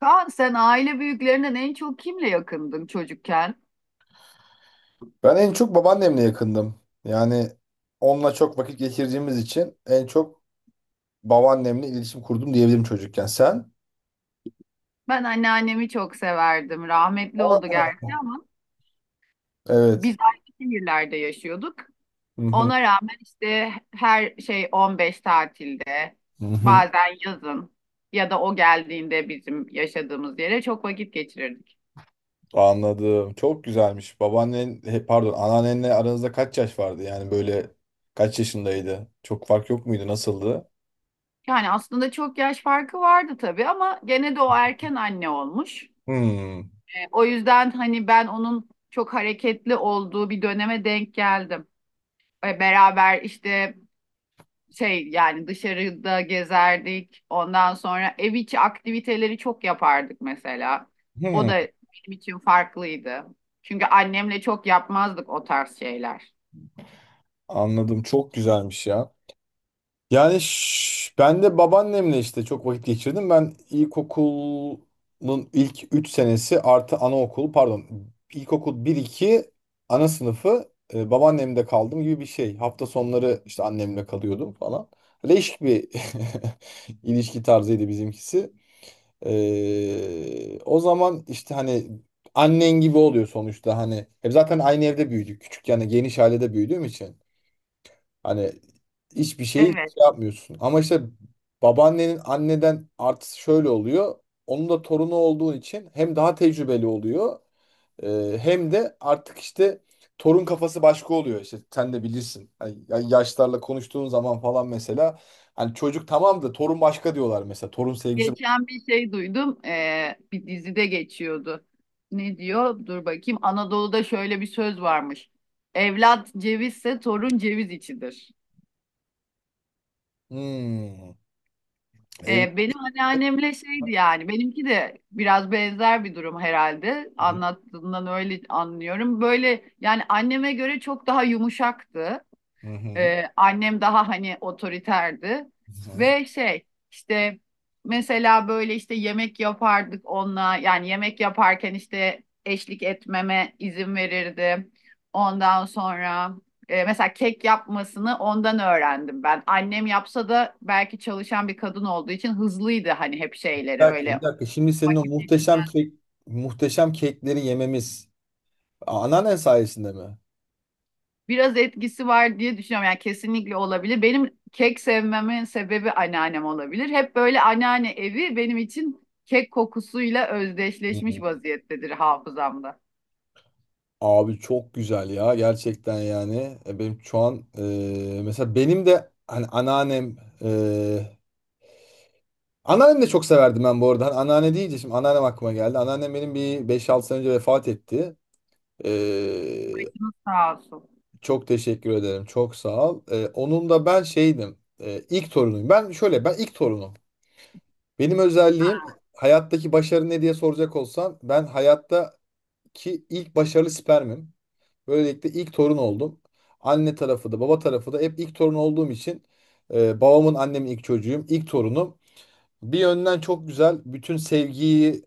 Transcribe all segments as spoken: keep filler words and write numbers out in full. Kaan sen aile büyüklerinden en çok kimle yakındın çocukken? Ben en çok babaannemle yakındım. Yani onunla çok vakit geçirdiğimiz için en çok babaannemle iletişim kurdum diyebilirim çocukken. Sen? Ben anneannemi çok severdim. Rahmetli oldu Aa. gerçi ama biz Evet. aynı şehirlerde yaşıyorduk. Hı hı. Ona rağmen işte her şey on beş tatilde, Hı hı. bazen yazın ya da o geldiğinde bizim yaşadığımız yere çok vakit geçirirdik. Anladım. Çok güzelmiş. Babaannen, he, pardon, anneannenle aranızda kaç yaş vardı? Yani böyle kaç yaşındaydı? Çok fark yok muydu? Nasıldı? Yani aslında çok yaş farkı vardı tabii ama gene de o erken anne olmuş. Hmm. E, O yüzden hani ben onun çok hareketli olduğu bir döneme denk geldim. E, beraber işte şey yani dışarıda gezerdik. Ondan sonra ev içi aktiviteleri çok yapardık mesela. O Hmm. da benim için farklıydı. Çünkü annemle çok yapmazdık o tarz şeyler. Anladım. Çok güzelmiş ya. Yani ş- ben de babaannemle işte çok vakit geçirdim. Ben ilkokulun ilk üç senesi artı anaokulu, pardon, ilkokul bir iki ana sınıfı e, babaannemde kaldım gibi bir şey. Hafta sonları işte annemle kalıyordum falan. Leş bir ilişki tarzıydı bizimkisi. E, o zaman işte hani annen gibi oluyor sonuçta hani. Hep zaten aynı evde büyüdük. Küçük, yani geniş ailede büyüdüğüm için. Hani hiçbir şeyi şey Evet. yapmıyorsun. Ama işte babaannenin anneden artısı şöyle oluyor. Onun da torunu olduğun için hem daha tecrübeli oluyor, e, hem de artık işte torun kafası başka oluyor. İşte sen de bilirsin. Hani ya- yaşlarla konuştuğun zaman falan mesela, hani çocuk tamam da torun başka diyorlar mesela. Torun sevgisi. Geçen bir şey duydum. E, bir dizide geçiyordu. Ne diyor? Dur bakayım. Anadolu'da şöyle bir söz varmış. Evlat cevizse torun ceviz içidir. Hmm, evet. E, benim anneannemle Hı şeydi yani benimki de biraz benzer bir durum herhalde hı. anlattığından öyle anlıyorum. Böyle yani anneme göre çok daha yumuşaktı. Hı hı. Ee, annem daha hani otoriterdi ve şey işte mesela böyle işte yemek yapardık onunla yani yemek yaparken işte eşlik etmeme izin verirdi. Ondan sonra e, mesela kek yapmasını ondan öğrendim ben. Annem yapsa da belki çalışan bir kadın olduğu için hızlıydı hani hep Bir şeyleri dakika, bir öyle dakika. Şimdi senin o vakit muhteşem geçirmezdi. kek, muhteşem kekleri yememiz a- anneannen sayesinde mi? Biraz etkisi var diye düşünüyorum. Yani kesinlikle olabilir. Benim kek sevmemin sebebi anneannem olabilir. Hep böyle anneanne evi benim için kek kokusuyla Hı. özdeşleşmiş Hı. vaziyettedir hafızamda. Abi çok güzel ya gerçekten yani. E, benim şu an, e, mesela benim de hani anneannem e, anneannem de çok severdim ben bu arada. Hani anneanne deyince şimdi anneannem aklıma geldi. Anneannem benim bir beş altı sene önce vefat etti. E, Sağ olsun. Çok teşekkür ederim, çok sağ ol. E, onun da ben şeydim, e, ilk torunuyum. Ben şöyle, ben ilk torunum, benim özelliğim. Hayattaki başarı ne diye soracak olsan, ben hayattaki ilk başarılı spermim. Böylelikle ilk torun oldum. Anne tarafı da baba tarafı da hep ilk torun olduğum için, e, babamın annemin ilk çocuğuyum, ilk torunum. Bir yönden çok güzel, bütün sevgiyi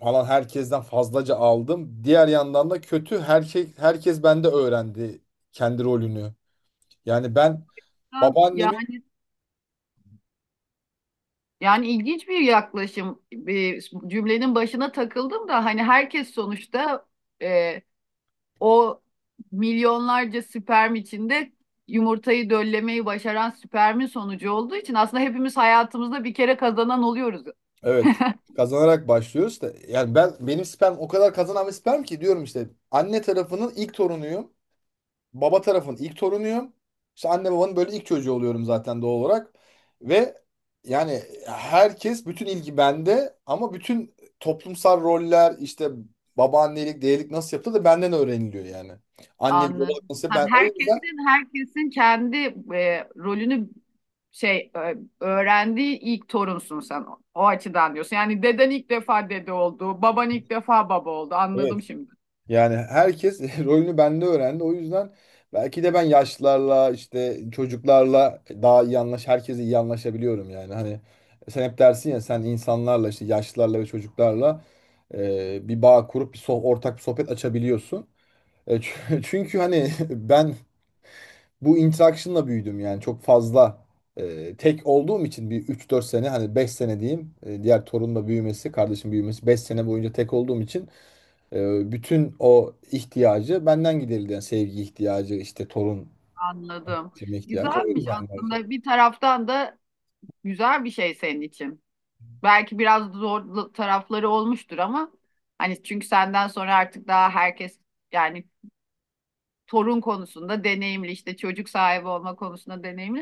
falan herkesten fazlaca aldım. Diğer yandan da kötü, her şey herkes bende öğrendi kendi rolünü. Yani ben Ben- babaannemin. Yani yani ilginç bir yaklaşım. Bir cümlenin başına takıldım da hani herkes sonuçta e, o milyonlarca sperm içinde yumurtayı döllemeyi başaran spermin sonucu olduğu için aslında hepimiz hayatımızda bir kere kazanan oluyoruz. Evet. Kazanarak başlıyoruz da, yani ben, benim sperm o kadar kazanan bir sperm ki diyorum, işte anne tarafının ilk torunuyum, baba tarafın ilk torunuyum. İşte anne babanın böyle ilk çocuğu oluyorum zaten doğal olarak. Ve yani herkes, bütün ilgi bende, ama bütün toplumsal roller işte babaannelik, dedelik nasıl yapılır da benden öğreniliyor yani. Annelik, babalık Anladım. nasıl, Hem ben o yüzden. herkesin herkesin kendi e, rolünü şey e, öğrendiği ilk torunsun sen. O, o açıdan diyorsun. Yani deden ilk defa dede oldu, baban ilk defa baba oldu. Evet. Anladım şimdi. Yani herkes rolünü bende öğrendi. O yüzden belki de ben yaşlılarla, işte çocuklarla daha iyi anlaş, herkese iyi anlaşabiliyorum yani. Hani sen hep dersin ya, sen insanlarla, işte yaşlılarla ve çocuklarla e, bir bağ kurup bir soh- ortak bir sohbet açabiliyorsun. E, çü- çünkü hani ben bu interaction'la büyüdüm yani. Çok fazla, e, tek olduğum için bir üç dört sene, hani beş sene diyeyim, e, diğer torunla büyümesi, kardeşim büyümesi, beş sene boyunca tek olduğum için ee, bütün o ihtiyacı benden giderildi. Yani sevgi ihtiyacı, işte torun Anladım. sevme ihtiyacı, o Güzelmiş yüzden bence. aslında. Bir taraftan da güzel bir şey senin için. Belki biraz zor tarafları olmuştur ama hani çünkü senden sonra artık daha herkes yani torun konusunda deneyimli işte çocuk sahibi olma konusunda deneyimli.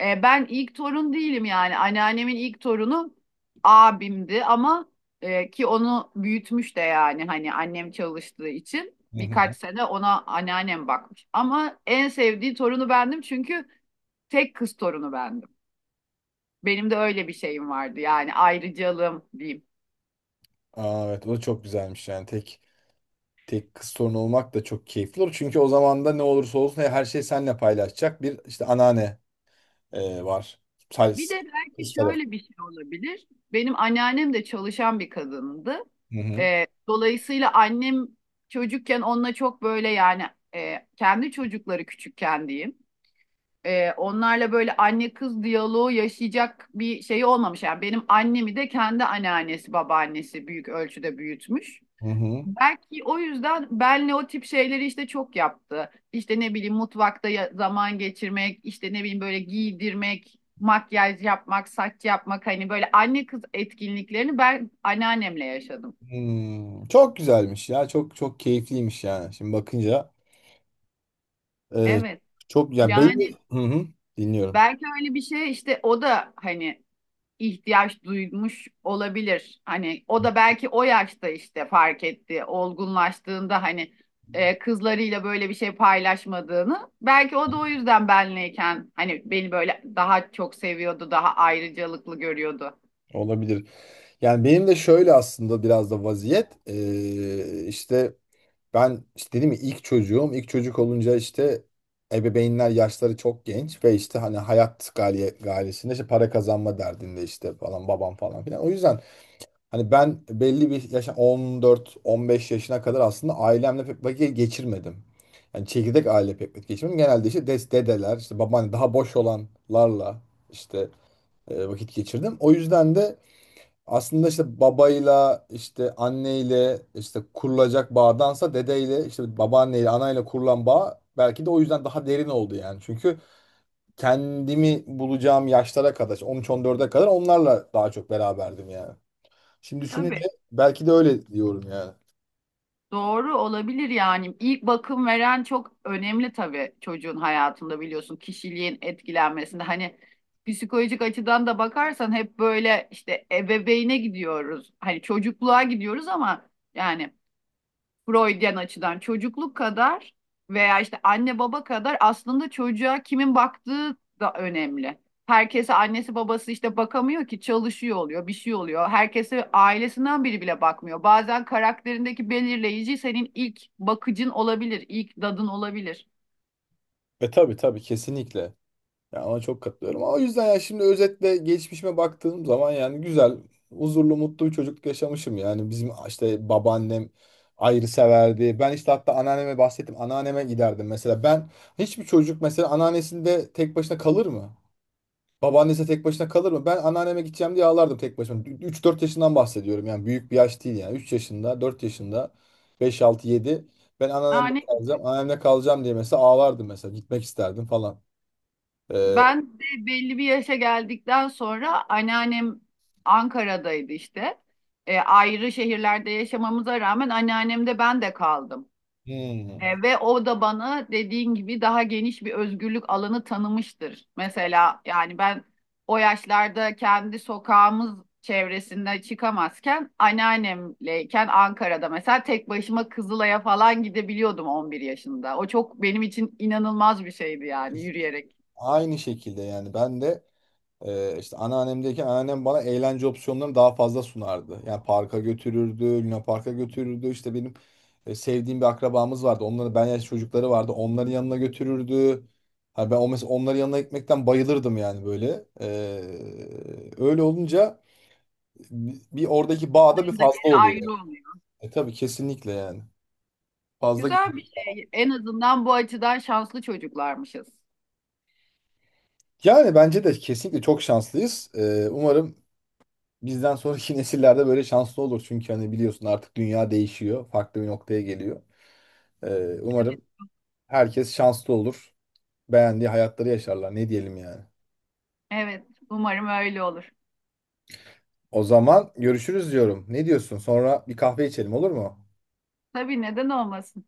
E, ben ilk torun değilim yani anneannemin ilk torunu abimdi ama e, ki onu büyütmüş de yani hani annem çalıştığı için Hı hı. birkaç sene ona anneannem bakmış. Ama en sevdiği torunu bendim çünkü tek kız torunu bendim. Benim de öyle bir şeyim vardı yani ayrıcalığım diyeyim. Aa, evet, o çok güzelmiş yani. Tek tek kız torun olmak da çok keyifli olur. Çünkü o zaman da ne olursa olsun her şeyi seninle paylaşacak bir işte anneanne e, var. Sadece Bir de belki kız tarafı. şöyle bir şey olabilir. Benim anneannem de çalışan bir kadındı. Hı hı. Ee, dolayısıyla annem çocukken onunla çok böyle yani e, kendi çocukları küçükken diyeyim. Ee, onlarla böyle anne kız diyaloğu yaşayacak bir şey olmamış. Yani benim annemi de kendi anneannesi, babaannesi büyük ölçüde büyütmüş. Hı hı. Belki o yüzden benle o tip şeyleri işte çok yaptı. İşte ne bileyim mutfakta ya- zaman geçirmek, işte ne bileyim böyle giydirmek, makyaj yapmak, saç yapmak hani böyle anne kız etkinliklerini ben anneannemle yaşadım. Hmm. Çok güzelmiş ya. Çok çok keyifliymiş yani. Şimdi bakınca e, Evet. çok yani belli. Yani Hı hı. Dinliyorum. belki öyle bir şey işte o da hani ihtiyaç duymuş olabilir. Hani o da belki o yaşta işte fark etti, olgunlaştığında hani e, kızlarıyla böyle bir şey paylaşmadığını. Belki o da o yüzden benleyken hani beni böyle daha çok seviyordu, daha ayrıcalıklı görüyordu. Olabilir. Yani benim de şöyle aslında, biraz da vaziyet eee, işte ben işte dedim ya, ilk çocuğum ilk çocuk olunca işte ebeveynler yaşları çok genç, ve işte hani hayat gaye, gayesinde, işte para kazanma derdinde, işte falan, babam falan filan. O yüzden hani ben belli bir yaşa, on dört on beş yaşına kadar aslında ailemle pek vakit geçirmedim. Yani çekirdek aile pek vakit geçirmedim. Genelde işte des, dedeler, işte babaanne, daha boş olanlarla işte e, vakit geçirdim. O yüzden de aslında işte babayla, işte anneyle işte kurulacak bağdansa, dedeyle işte babaanneyle, anayla kurulan bağ belki de o yüzden daha derin oldu yani. Çünkü kendimi bulacağım yaşlara kadar, on üç on dörde kadar onlarla daha çok beraberdim yani. Şimdi düşününce Tabii. belki de öyle diyorum yani. Doğru olabilir yani. İlk bakım veren çok önemli tabii çocuğun hayatında biliyorsun kişiliğin etkilenmesinde. Hani psikolojik açıdan da bakarsan hep böyle işte ebeveyne gidiyoruz. Hani çocukluğa gidiyoruz ama yani Freudian açıdan çocukluk kadar veya işte anne baba kadar aslında çocuğa kimin baktığı da önemli. Herkese annesi babası işte bakamıyor ki çalışıyor oluyor, bir şey oluyor. Herkese ailesinden biri bile bakmıyor. Bazen karakterindeki belirleyici senin ilk bakıcın olabilir, ilk dadın olabilir. E tabii, tabii, kesinlikle. Ya ona çok katılıyorum. Ama o yüzden ya, şimdi özetle geçmişime baktığım zaman, yani güzel, huzurlu, mutlu bir çocukluk yaşamışım. Yani bizim işte babaannem ayrı severdi. Ben işte hatta anneanneme bahsettim. Anneanneme giderdim mesela. Ben, hiçbir çocuk mesela anneannesinde tek başına kalır mı? Babaannesi tek başına kalır mı? Ben anneanneme gideceğim diye ağlardım tek başıma. Üç dört yaşından bahsediyorum yani, büyük bir yaş değil yani. Üç yaşında, dört yaşında, beş altı yedi. Ben anneannemde Yani kalacağım, anneannemde kalacağım diye mesela ağlardım mesela. Gitmek isterdim falan. Ee, ben de belli bir yaşa geldikten sonra anneannem Ankara'daydı işte. E, ayrı şehirlerde yaşamamıza rağmen anneannemde ben de kaldım. Hmm. E, ve o da bana dediğin gibi daha geniş bir özgürlük alanı tanımıştır. Mesela yani ben o yaşlarda kendi sokağımız çevresinde çıkamazken anneannemleyken Ankara'da mesela tek başıma Kızılay'a falan gidebiliyordum on bir yaşında. O çok benim için inanılmaz bir şeydi yani yürüyerek. Aynı şekilde yani. Ben de e, işte anneannemdeki anneannem bana eğlence opsiyonlarını daha fazla sunardı. Yani parka götürürdü, Luna Park'a götürürdü. İşte benim e, sevdiğim bir akrabamız vardı. Onların ben yaş çocukları vardı. Onların yanına götürürdü. Ha, ben o mesela onların yanına gitmekten bayılırdım yani, böyle. E, öyle olunca bi- bir oradaki bağ da bir Onların da fazla yeri oluyor ayrı yani. oluyor. E, tabii, kesinlikle yani. Fazla Güzel geliyor. bir şey. En azından bu açıdan şanslı çocuklarmışız. Yani bence de kesinlikle çok şanslıyız. E, umarım bizden sonraki nesillerde böyle şanslı olur. Çünkü hani biliyorsun, artık dünya değişiyor. Farklı bir noktaya geliyor. Ee, umarım herkes şanslı olur. Beğendiği hayatları yaşarlar. Ne diyelim yani. Evet, umarım öyle olur. O zaman görüşürüz diyorum. Ne diyorsun? Sonra bir kahve içelim, olur mu? Tabii neden olmasın?